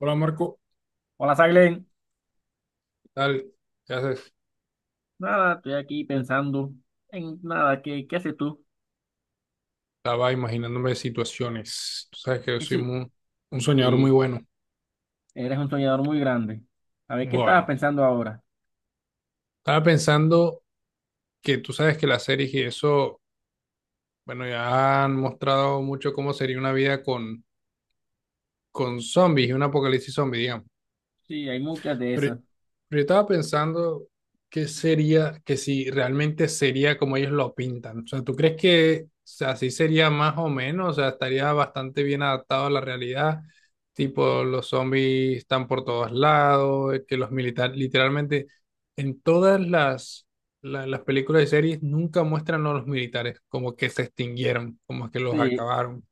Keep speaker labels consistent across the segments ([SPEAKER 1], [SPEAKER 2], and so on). [SPEAKER 1] Hola Marco,
[SPEAKER 2] Hola, Saglen.
[SPEAKER 1] ¿qué tal? ¿Qué haces?
[SPEAKER 2] Nada, estoy aquí pensando en nada, ¿qué haces tú?
[SPEAKER 1] Estaba imaginándome situaciones. Tú sabes que yo
[SPEAKER 2] Y
[SPEAKER 1] soy
[SPEAKER 2] si
[SPEAKER 1] muy- un soñador muy
[SPEAKER 2] eh,
[SPEAKER 1] bueno.
[SPEAKER 2] eres un soñador muy grande. A ver, ¿qué
[SPEAKER 1] Bueno,
[SPEAKER 2] estabas pensando ahora?
[SPEAKER 1] estaba pensando que tú sabes que las series y eso, bueno, ya han mostrado mucho cómo sería una vida con zombies y un apocalipsis zombie, digamos.
[SPEAKER 2] Sí, hay muchas de
[SPEAKER 1] Pero,
[SPEAKER 2] esas.
[SPEAKER 1] pero yo estaba pensando qué sería, que si realmente sería como ellos lo pintan. O sea, ¿tú crees que o sea, así sería más o menos? O sea, estaría bastante bien adaptado a la realidad. Tipo, los zombies están por todos lados, que los militares, literalmente, en todas las películas y series nunca muestran a los militares como que se extinguieron, como que los
[SPEAKER 2] Sí,
[SPEAKER 1] acabaron.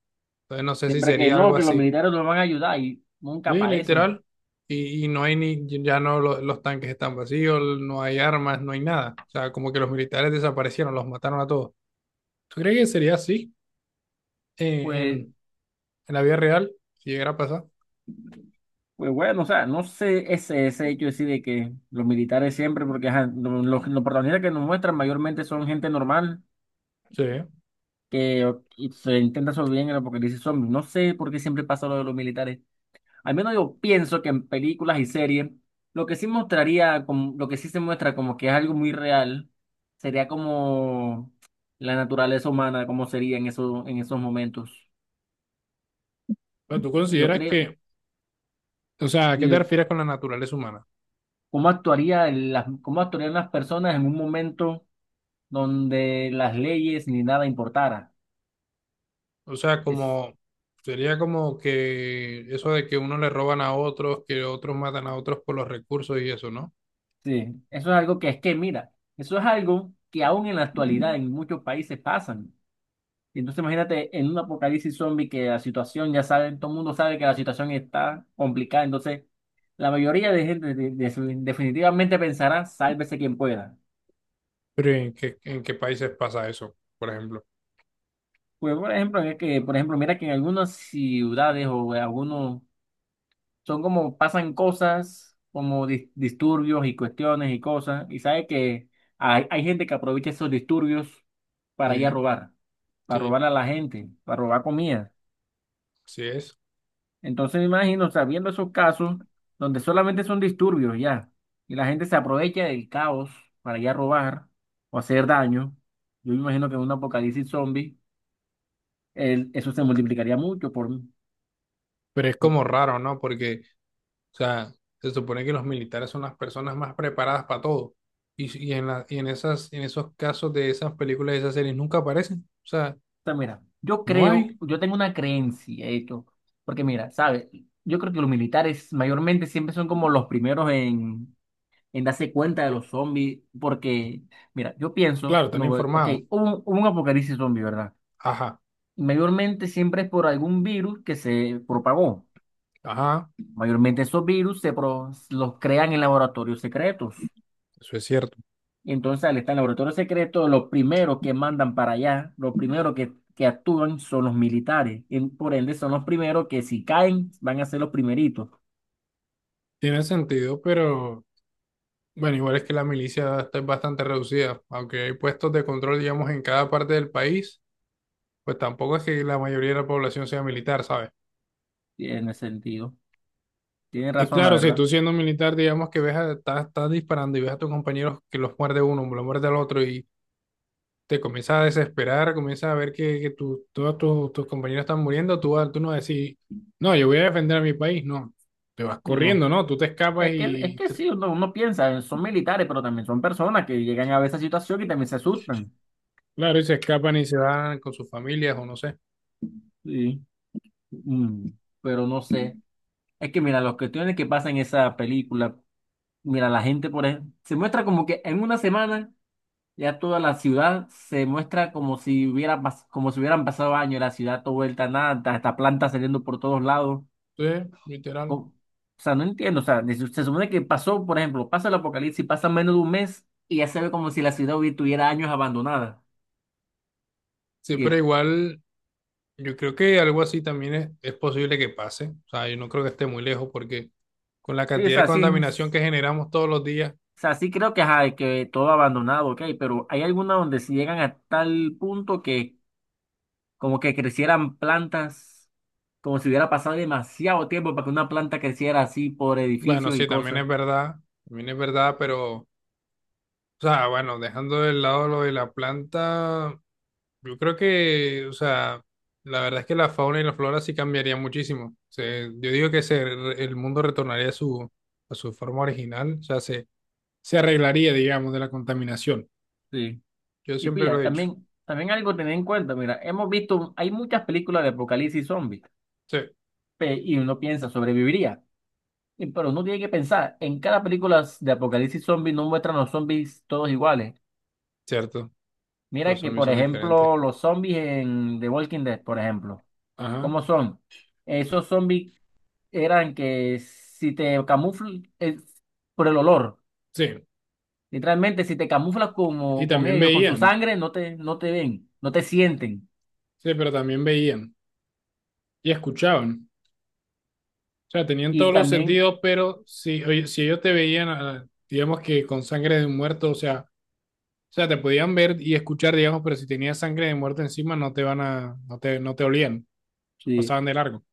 [SPEAKER 1] Entonces, no sé si
[SPEAKER 2] siempre que
[SPEAKER 1] sería
[SPEAKER 2] no,
[SPEAKER 1] algo
[SPEAKER 2] que los
[SPEAKER 1] así.
[SPEAKER 2] militares nos van a ayudar y nunca
[SPEAKER 1] Sí,
[SPEAKER 2] aparecen.
[SPEAKER 1] literal. Y no hay ni, ya no los tanques están vacíos, no hay armas, no hay nada. O sea, como que los militares desaparecieron, los mataron a todos. ¿Tú crees que sería así en,
[SPEAKER 2] Pues,
[SPEAKER 1] en- en la vida real si llegara a pasar?
[SPEAKER 2] pues bueno, o sea, no sé ese hecho así de que los militares siempre, porque ajá, los protagonistas que nos muestran mayormente son gente normal
[SPEAKER 1] Sí.
[SPEAKER 2] que y se intenta sobrevivir en el apocalipsis zombie. No sé por qué siempre pasa lo de los militares. Al menos yo pienso que en películas y series, lo que sí mostraría, lo que sí se muestra como que es algo muy real, sería como la naturaleza humana, cómo sería en esos momentos.
[SPEAKER 1] Pero tú
[SPEAKER 2] Yo
[SPEAKER 1] consideras
[SPEAKER 2] creo,
[SPEAKER 1] que, o sea, ¿a qué te
[SPEAKER 2] Dios,
[SPEAKER 1] refieres con la naturaleza humana?
[SPEAKER 2] cómo actuaría cómo actuarían las personas en un momento donde las leyes ni nada importara.
[SPEAKER 1] O sea,
[SPEAKER 2] Es,
[SPEAKER 1] como sería como que eso de que unos le roban a otros, que otros matan a otros por los recursos y eso, ¿no?
[SPEAKER 2] sí, eso es algo que es que, mira, eso es algo que aún en la actualidad en muchos países pasan. Y entonces imagínate en un apocalipsis zombie que la situación, ya saben, todo el mundo sabe que la situación está complicada, entonces la mayoría de gente definitivamente pensará, sálvese quien pueda.
[SPEAKER 1] Pero ¿en qué países pasa eso, por ejemplo?
[SPEAKER 2] Pues por ejemplo, es que, por ejemplo, mira que en algunas ciudades o en algunos son como pasan cosas como disturbios y cuestiones y cosas, y sabe que hay gente que aprovecha esos disturbios para ir a
[SPEAKER 1] Sí,
[SPEAKER 2] robar, para
[SPEAKER 1] sí,
[SPEAKER 2] robar a la gente, para robar comida.
[SPEAKER 1] sí es.
[SPEAKER 2] Entonces me imagino, o sea, viendo esos casos donde solamente son disturbios ya, y la gente se aprovecha del caos para ya robar o hacer daño, yo me imagino que en un apocalipsis zombie eso se multiplicaría mucho por... O
[SPEAKER 1] Pero es como raro, ¿no? Porque, o sea, se supone que los militares son las personas más preparadas para todo. Y en y en esas, en esos casos de esas películas de esas series nunca aparecen. O sea,
[SPEAKER 2] sea, mira, yo
[SPEAKER 1] no
[SPEAKER 2] creo,
[SPEAKER 1] hay.
[SPEAKER 2] yo tengo una creencia, de hecho, porque mira, ¿sabes? Yo creo que los militares mayormente siempre son como los primeros en darse cuenta de los zombies, porque, mira, yo pienso,
[SPEAKER 1] Claro, están
[SPEAKER 2] no, ok,
[SPEAKER 1] informados.
[SPEAKER 2] hubo un apocalipsis zombie, ¿verdad?
[SPEAKER 1] Ajá,
[SPEAKER 2] Mayormente siempre es por algún virus que se propagó.
[SPEAKER 1] ajá,
[SPEAKER 2] Mayormente esos virus los crean en laboratorios secretos.
[SPEAKER 1] eso es cierto.
[SPEAKER 2] Y entonces al estar en laboratorios secretos, los primeros que mandan para allá, los primeros que actúan son los militares. Y por ende son los primeros que si caen van a ser los primeritos.
[SPEAKER 1] Tiene sentido, pero bueno, igual es que la milicia está bastante reducida. Aunque hay puestos de control, digamos, en cada parte del país, pues tampoco es que la mayoría de la población sea militar, ¿sabes?
[SPEAKER 2] Tiene sentido. Tiene
[SPEAKER 1] Y
[SPEAKER 2] razón, la
[SPEAKER 1] claro, si
[SPEAKER 2] verdad.
[SPEAKER 1] tú siendo militar, digamos que ves a, estás, estás disparando y ves a tus compañeros que los muerde uno, lo muerde al otro y te comienzas a desesperar, comienzas a ver que todos tus, tus compañeros están muriendo, tú, vas- tú no decís, no, yo voy a defender a mi país, no, te vas
[SPEAKER 2] No.
[SPEAKER 1] corriendo, ¿no? Tú te escapas
[SPEAKER 2] Es
[SPEAKER 1] y,
[SPEAKER 2] que
[SPEAKER 1] te-
[SPEAKER 2] sí, uno piensa, son militares, pero también son personas que llegan a ver esa situación y también se asustan.
[SPEAKER 1] claro, y se escapan y se van con sus familias o no sé.
[SPEAKER 2] Sí. Mm, pero no sé. Es que mira, las cuestiones que pasan en esa película, mira, la gente por ejemplo, se muestra como que en una semana ya toda la ciudad se muestra como si como si hubieran pasado años, la ciudad toda vuelta a nada, hasta plantas saliendo por todos lados.
[SPEAKER 1] Entonces,
[SPEAKER 2] Co-
[SPEAKER 1] literal.
[SPEAKER 2] o sea, no entiendo, o sea, se supone que pasó, por ejemplo, pasa el apocalipsis, pasa menos de un mes y ya se ve como si la ciudad tuviera años abandonada.
[SPEAKER 1] Sí,
[SPEAKER 2] Y,
[SPEAKER 1] pero igual, yo creo que algo así también es posible que pase. O sea, yo no creo que esté muy lejos porque con la
[SPEAKER 2] sí, o
[SPEAKER 1] cantidad de
[SPEAKER 2] sea,
[SPEAKER 1] contaminación que generamos todos los días.
[SPEAKER 2] o sea, sí creo que, ajá, que todo abandonado, ok, pero hay algunas donde si llegan a tal punto que como que crecieran plantas, como si hubiera pasado demasiado tiempo para que una planta creciera así por
[SPEAKER 1] Bueno,
[SPEAKER 2] edificios y
[SPEAKER 1] sí,
[SPEAKER 2] cosas.
[SPEAKER 1] también es verdad, pero, o sea, bueno, dejando de lado lo de la planta, yo creo que, o sea, la verdad es que la fauna y la flora sí cambiaría muchísimo. Se- yo digo que se, el mundo retornaría a su forma original, o sea, se arreglaría, digamos, de la contaminación.
[SPEAKER 2] Sí.
[SPEAKER 1] Yo
[SPEAKER 2] Y
[SPEAKER 1] siempre lo
[SPEAKER 2] pilla,
[SPEAKER 1] he dicho.
[SPEAKER 2] también algo a tener en cuenta, mira, hemos visto, hay muchas películas de apocalipsis zombies,
[SPEAKER 1] Sí,
[SPEAKER 2] y uno piensa, sobreviviría. Pero uno tiene que pensar, en cada película de apocalipsis zombie no muestran los zombies todos iguales.
[SPEAKER 1] cierto, los
[SPEAKER 2] Mira que,
[SPEAKER 1] zombies
[SPEAKER 2] por
[SPEAKER 1] son diferentes.
[SPEAKER 2] ejemplo, los zombies en The Walking Dead, por ejemplo,
[SPEAKER 1] Ajá,
[SPEAKER 2] ¿cómo son? Esos zombies eran que si te camuflas por el olor,
[SPEAKER 1] sí,
[SPEAKER 2] literalmente si te camuflas
[SPEAKER 1] y
[SPEAKER 2] como con
[SPEAKER 1] también
[SPEAKER 2] ellos, con su
[SPEAKER 1] veían,
[SPEAKER 2] sangre, no te ven, no te sienten.
[SPEAKER 1] sí, pero también veían y escuchaban. O sea, tenían
[SPEAKER 2] Y
[SPEAKER 1] todos los
[SPEAKER 2] también,
[SPEAKER 1] sentidos, pero si, oye, si ellos te veían, ah, digamos que con sangre de un muerto, o sea, te podían ver y escuchar, digamos, pero si tenías sangre de muerto encima, no te van a, no te, no te olían,
[SPEAKER 2] sí,
[SPEAKER 1] pasaban de largo.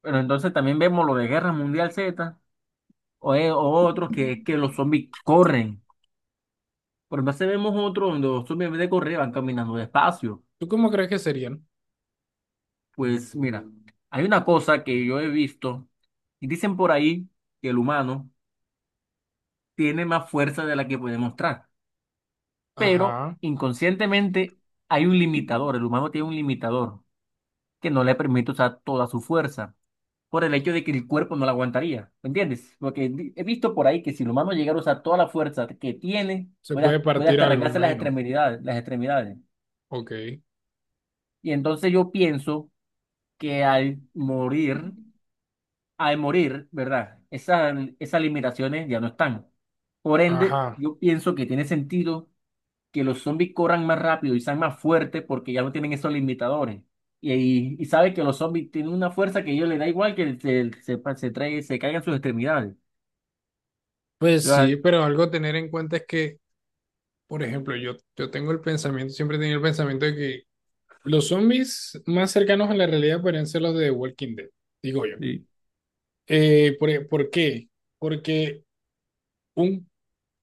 [SPEAKER 2] pero entonces también vemos lo de Guerra Mundial Z o otros que es que los zombies corren. Pero entonces vemos otros donde los zombies en vez de correr van caminando despacio.
[SPEAKER 1] ¿Tú cómo crees que serían?
[SPEAKER 2] Pues mira, hay una cosa que yo he visto y dicen por ahí que el humano tiene más fuerza de la que puede mostrar. Pero
[SPEAKER 1] Ajá,
[SPEAKER 2] inconscientemente hay un limitador, el humano tiene un limitador que no le permite usar toda su fuerza por el hecho de que el cuerpo no la aguantaría, ¿me entiendes? Porque he visto por ahí que si el humano llegara a usar toda la fuerza que tiene,
[SPEAKER 1] se puede
[SPEAKER 2] puede
[SPEAKER 1] partir
[SPEAKER 2] hasta
[SPEAKER 1] algo, me
[SPEAKER 2] arrancarse las
[SPEAKER 1] imagino.
[SPEAKER 2] extremidades, las extremidades.
[SPEAKER 1] Ok,
[SPEAKER 2] Y entonces yo pienso que al morir, ¿verdad? Esas limitaciones ya no están. Por ende,
[SPEAKER 1] ajá.
[SPEAKER 2] yo pienso que tiene sentido que los zombies corran más rápido y sean más fuertes porque ya no tienen esos limitadores. Y sabe que los zombies tienen una fuerza que a ellos les da igual que se caigan sus extremidades.
[SPEAKER 1] Pues
[SPEAKER 2] Yo, ah,
[SPEAKER 1] sí, pero algo a tener en cuenta es que, por ejemplo, yo tengo el pensamiento, siempre he tenido el pensamiento de que los zombies más cercanos a la realidad podrían ser los de The Walking Dead, digo yo.
[SPEAKER 2] sí,
[SPEAKER 1] Por, e- ¿por qué? Porque un,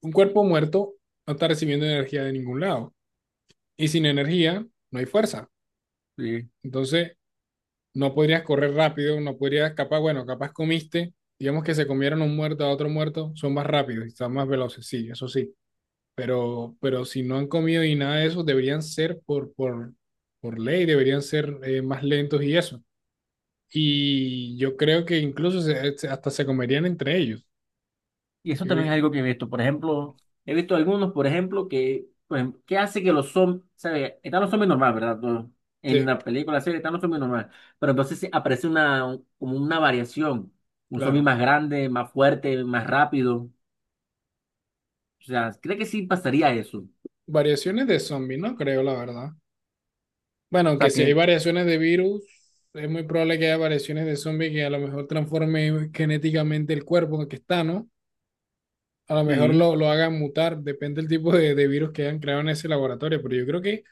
[SPEAKER 1] un cuerpo muerto no está recibiendo energía de ningún lado. Y sin energía no hay fuerza.
[SPEAKER 2] sí.
[SPEAKER 1] Entonces, no podrías correr rápido, no podrías, capaz, bueno, capaz comiste, digamos que se comieron un muerto a otro muerto, son más rápidos y están más veloces, sí, eso sí. Pero si no han comido y nada de eso, deberían ser por ley, deberían ser más lentos y eso. Y yo creo que incluso hasta se comerían entre ellos.
[SPEAKER 2] Y eso
[SPEAKER 1] Yo
[SPEAKER 2] también
[SPEAKER 1] creo-
[SPEAKER 2] es algo que he visto. Por ejemplo, he visto algunos, por ejemplo, que, pues, ¿qué hace que los zombies, sabe, están los zombies normales, ¿verdad? No, en
[SPEAKER 1] sí,
[SPEAKER 2] la película, la serie, están los zombies normales. Pero entonces sí aparece una, como una variación. Un zombie
[SPEAKER 1] claro.
[SPEAKER 2] más grande, más fuerte, más rápido. O sea, ¿cree que sí pasaría eso? O
[SPEAKER 1] Variaciones de zombie, no creo, la verdad. Bueno, que
[SPEAKER 2] sea,
[SPEAKER 1] si hay
[SPEAKER 2] que
[SPEAKER 1] variaciones de virus, es muy probable que haya variaciones de zombie que a lo mejor transforme genéticamente el cuerpo en el que está, ¿no? A lo mejor
[SPEAKER 2] sí,
[SPEAKER 1] lo hagan mutar, depende del tipo de virus que hayan creado en ese laboratorio, pero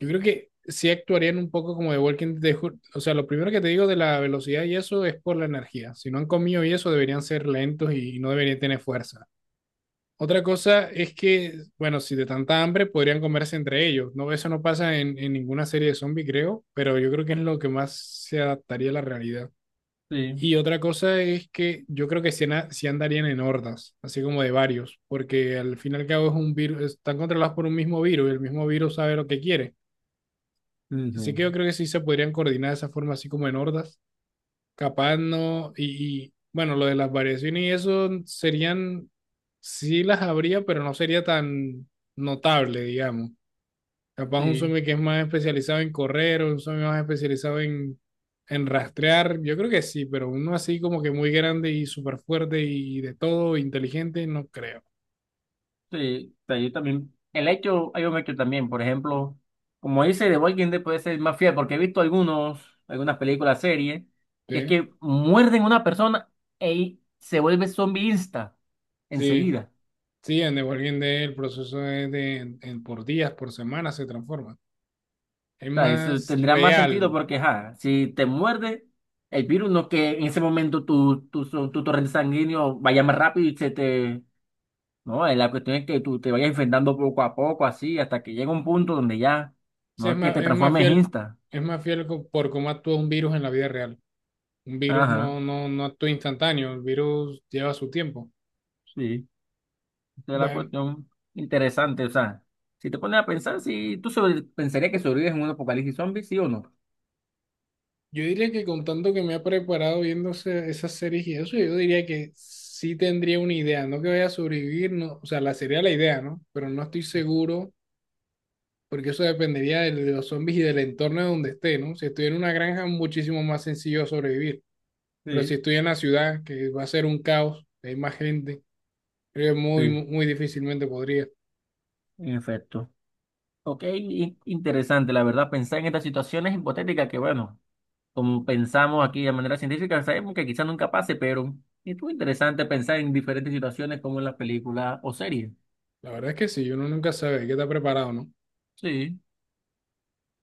[SPEAKER 1] yo creo que sí actuarían un poco como de Walking Dead. Ju- O sea, lo primero que te digo de la velocidad y eso es por la energía. Si no han comido y eso, deberían ser lentos y no deberían tener fuerza. Otra cosa es que, bueno, si de tanta hambre podrían comerse entre ellos. No, eso no pasa en ninguna serie de zombies, creo, pero yo creo que es lo que más se adaptaría a la realidad.
[SPEAKER 2] sí,
[SPEAKER 1] Y otra cosa es que yo creo que sí, na- sí andarían en hordas, así como de varios, porque al fin y al cabo es un virus, están controlados por un mismo virus y el mismo virus sabe lo que quiere. Así
[SPEAKER 2] ujú,
[SPEAKER 1] que yo creo que sí se podrían coordinar de esa forma, así como en hordas. Capaz no, bueno, lo de las variaciones y eso serían, sí las habría, pero no sería tan notable, digamos. Capaz un
[SPEAKER 2] sí, sí.
[SPEAKER 1] zombie que es más especializado en correr o un zombie más especializado en rastrear, yo creo que sí, pero uno así como que muy grande y súper fuerte y de todo, inteligente, no creo.
[SPEAKER 2] Sí. O sea, yo también, el hecho, hay un hecho también, por ejemplo, como dice The Walking Dead puede ser más fiel, porque he visto algunos, algunas películas, series, y es
[SPEAKER 1] Sí,
[SPEAKER 2] que muerden a una persona y se vuelve zombie insta
[SPEAKER 1] sí,
[SPEAKER 2] enseguida.
[SPEAKER 1] sí, en The Walking Dead el proceso es de, por días, por semanas se transforma. Es
[SPEAKER 2] O sea, eso
[SPEAKER 1] más
[SPEAKER 2] tendrá más sentido
[SPEAKER 1] real.
[SPEAKER 2] porque, ja, si te muerde el virus, no que en ese momento tu torrente sanguíneo vaya más rápido y se te no, la cuestión es que tú te vayas enfrentando poco a poco, así, hasta que llega un punto donde ya,
[SPEAKER 1] Sí,
[SPEAKER 2] no es que te transformes en Insta.
[SPEAKER 1] es más fiel co- por cómo actúa un virus en la vida real. Un virus
[SPEAKER 2] Ajá,
[SPEAKER 1] no actúa instantáneo, el virus lleva su tiempo.
[SPEAKER 2] sí, esa es la
[SPEAKER 1] Bueno,
[SPEAKER 2] cuestión interesante. O sea, si te pones a pensar, si tú pensarías que sobrevives en un apocalipsis zombie, sí o no.
[SPEAKER 1] yo diría que con tanto que me ha preparado viéndose esas series y eso, yo diría que sí tendría una idea, no que vaya a sobrevivir, no, o sea, la sería la idea, ¿no? Pero no estoy seguro, porque eso dependería de, los zombies y del entorno de donde esté, ¿no? Si estoy en una granja, muchísimo más sencillo sobrevivir. Pero si
[SPEAKER 2] Sí,
[SPEAKER 1] estoy en la ciudad, que va a ser un caos, hay más gente. Creo que muy,
[SPEAKER 2] sí.
[SPEAKER 1] muy difícilmente podría.
[SPEAKER 2] En efecto. Ok, interesante, la verdad, pensar en estas situaciones hipotéticas que, bueno, como pensamos aquí de manera científica, sabemos que quizás nunca pase, pero es muy interesante pensar en diferentes situaciones como en las películas o series.
[SPEAKER 1] La verdad es que sí, uno nunca sabe, hay que estar preparado, ¿no?
[SPEAKER 2] Sí.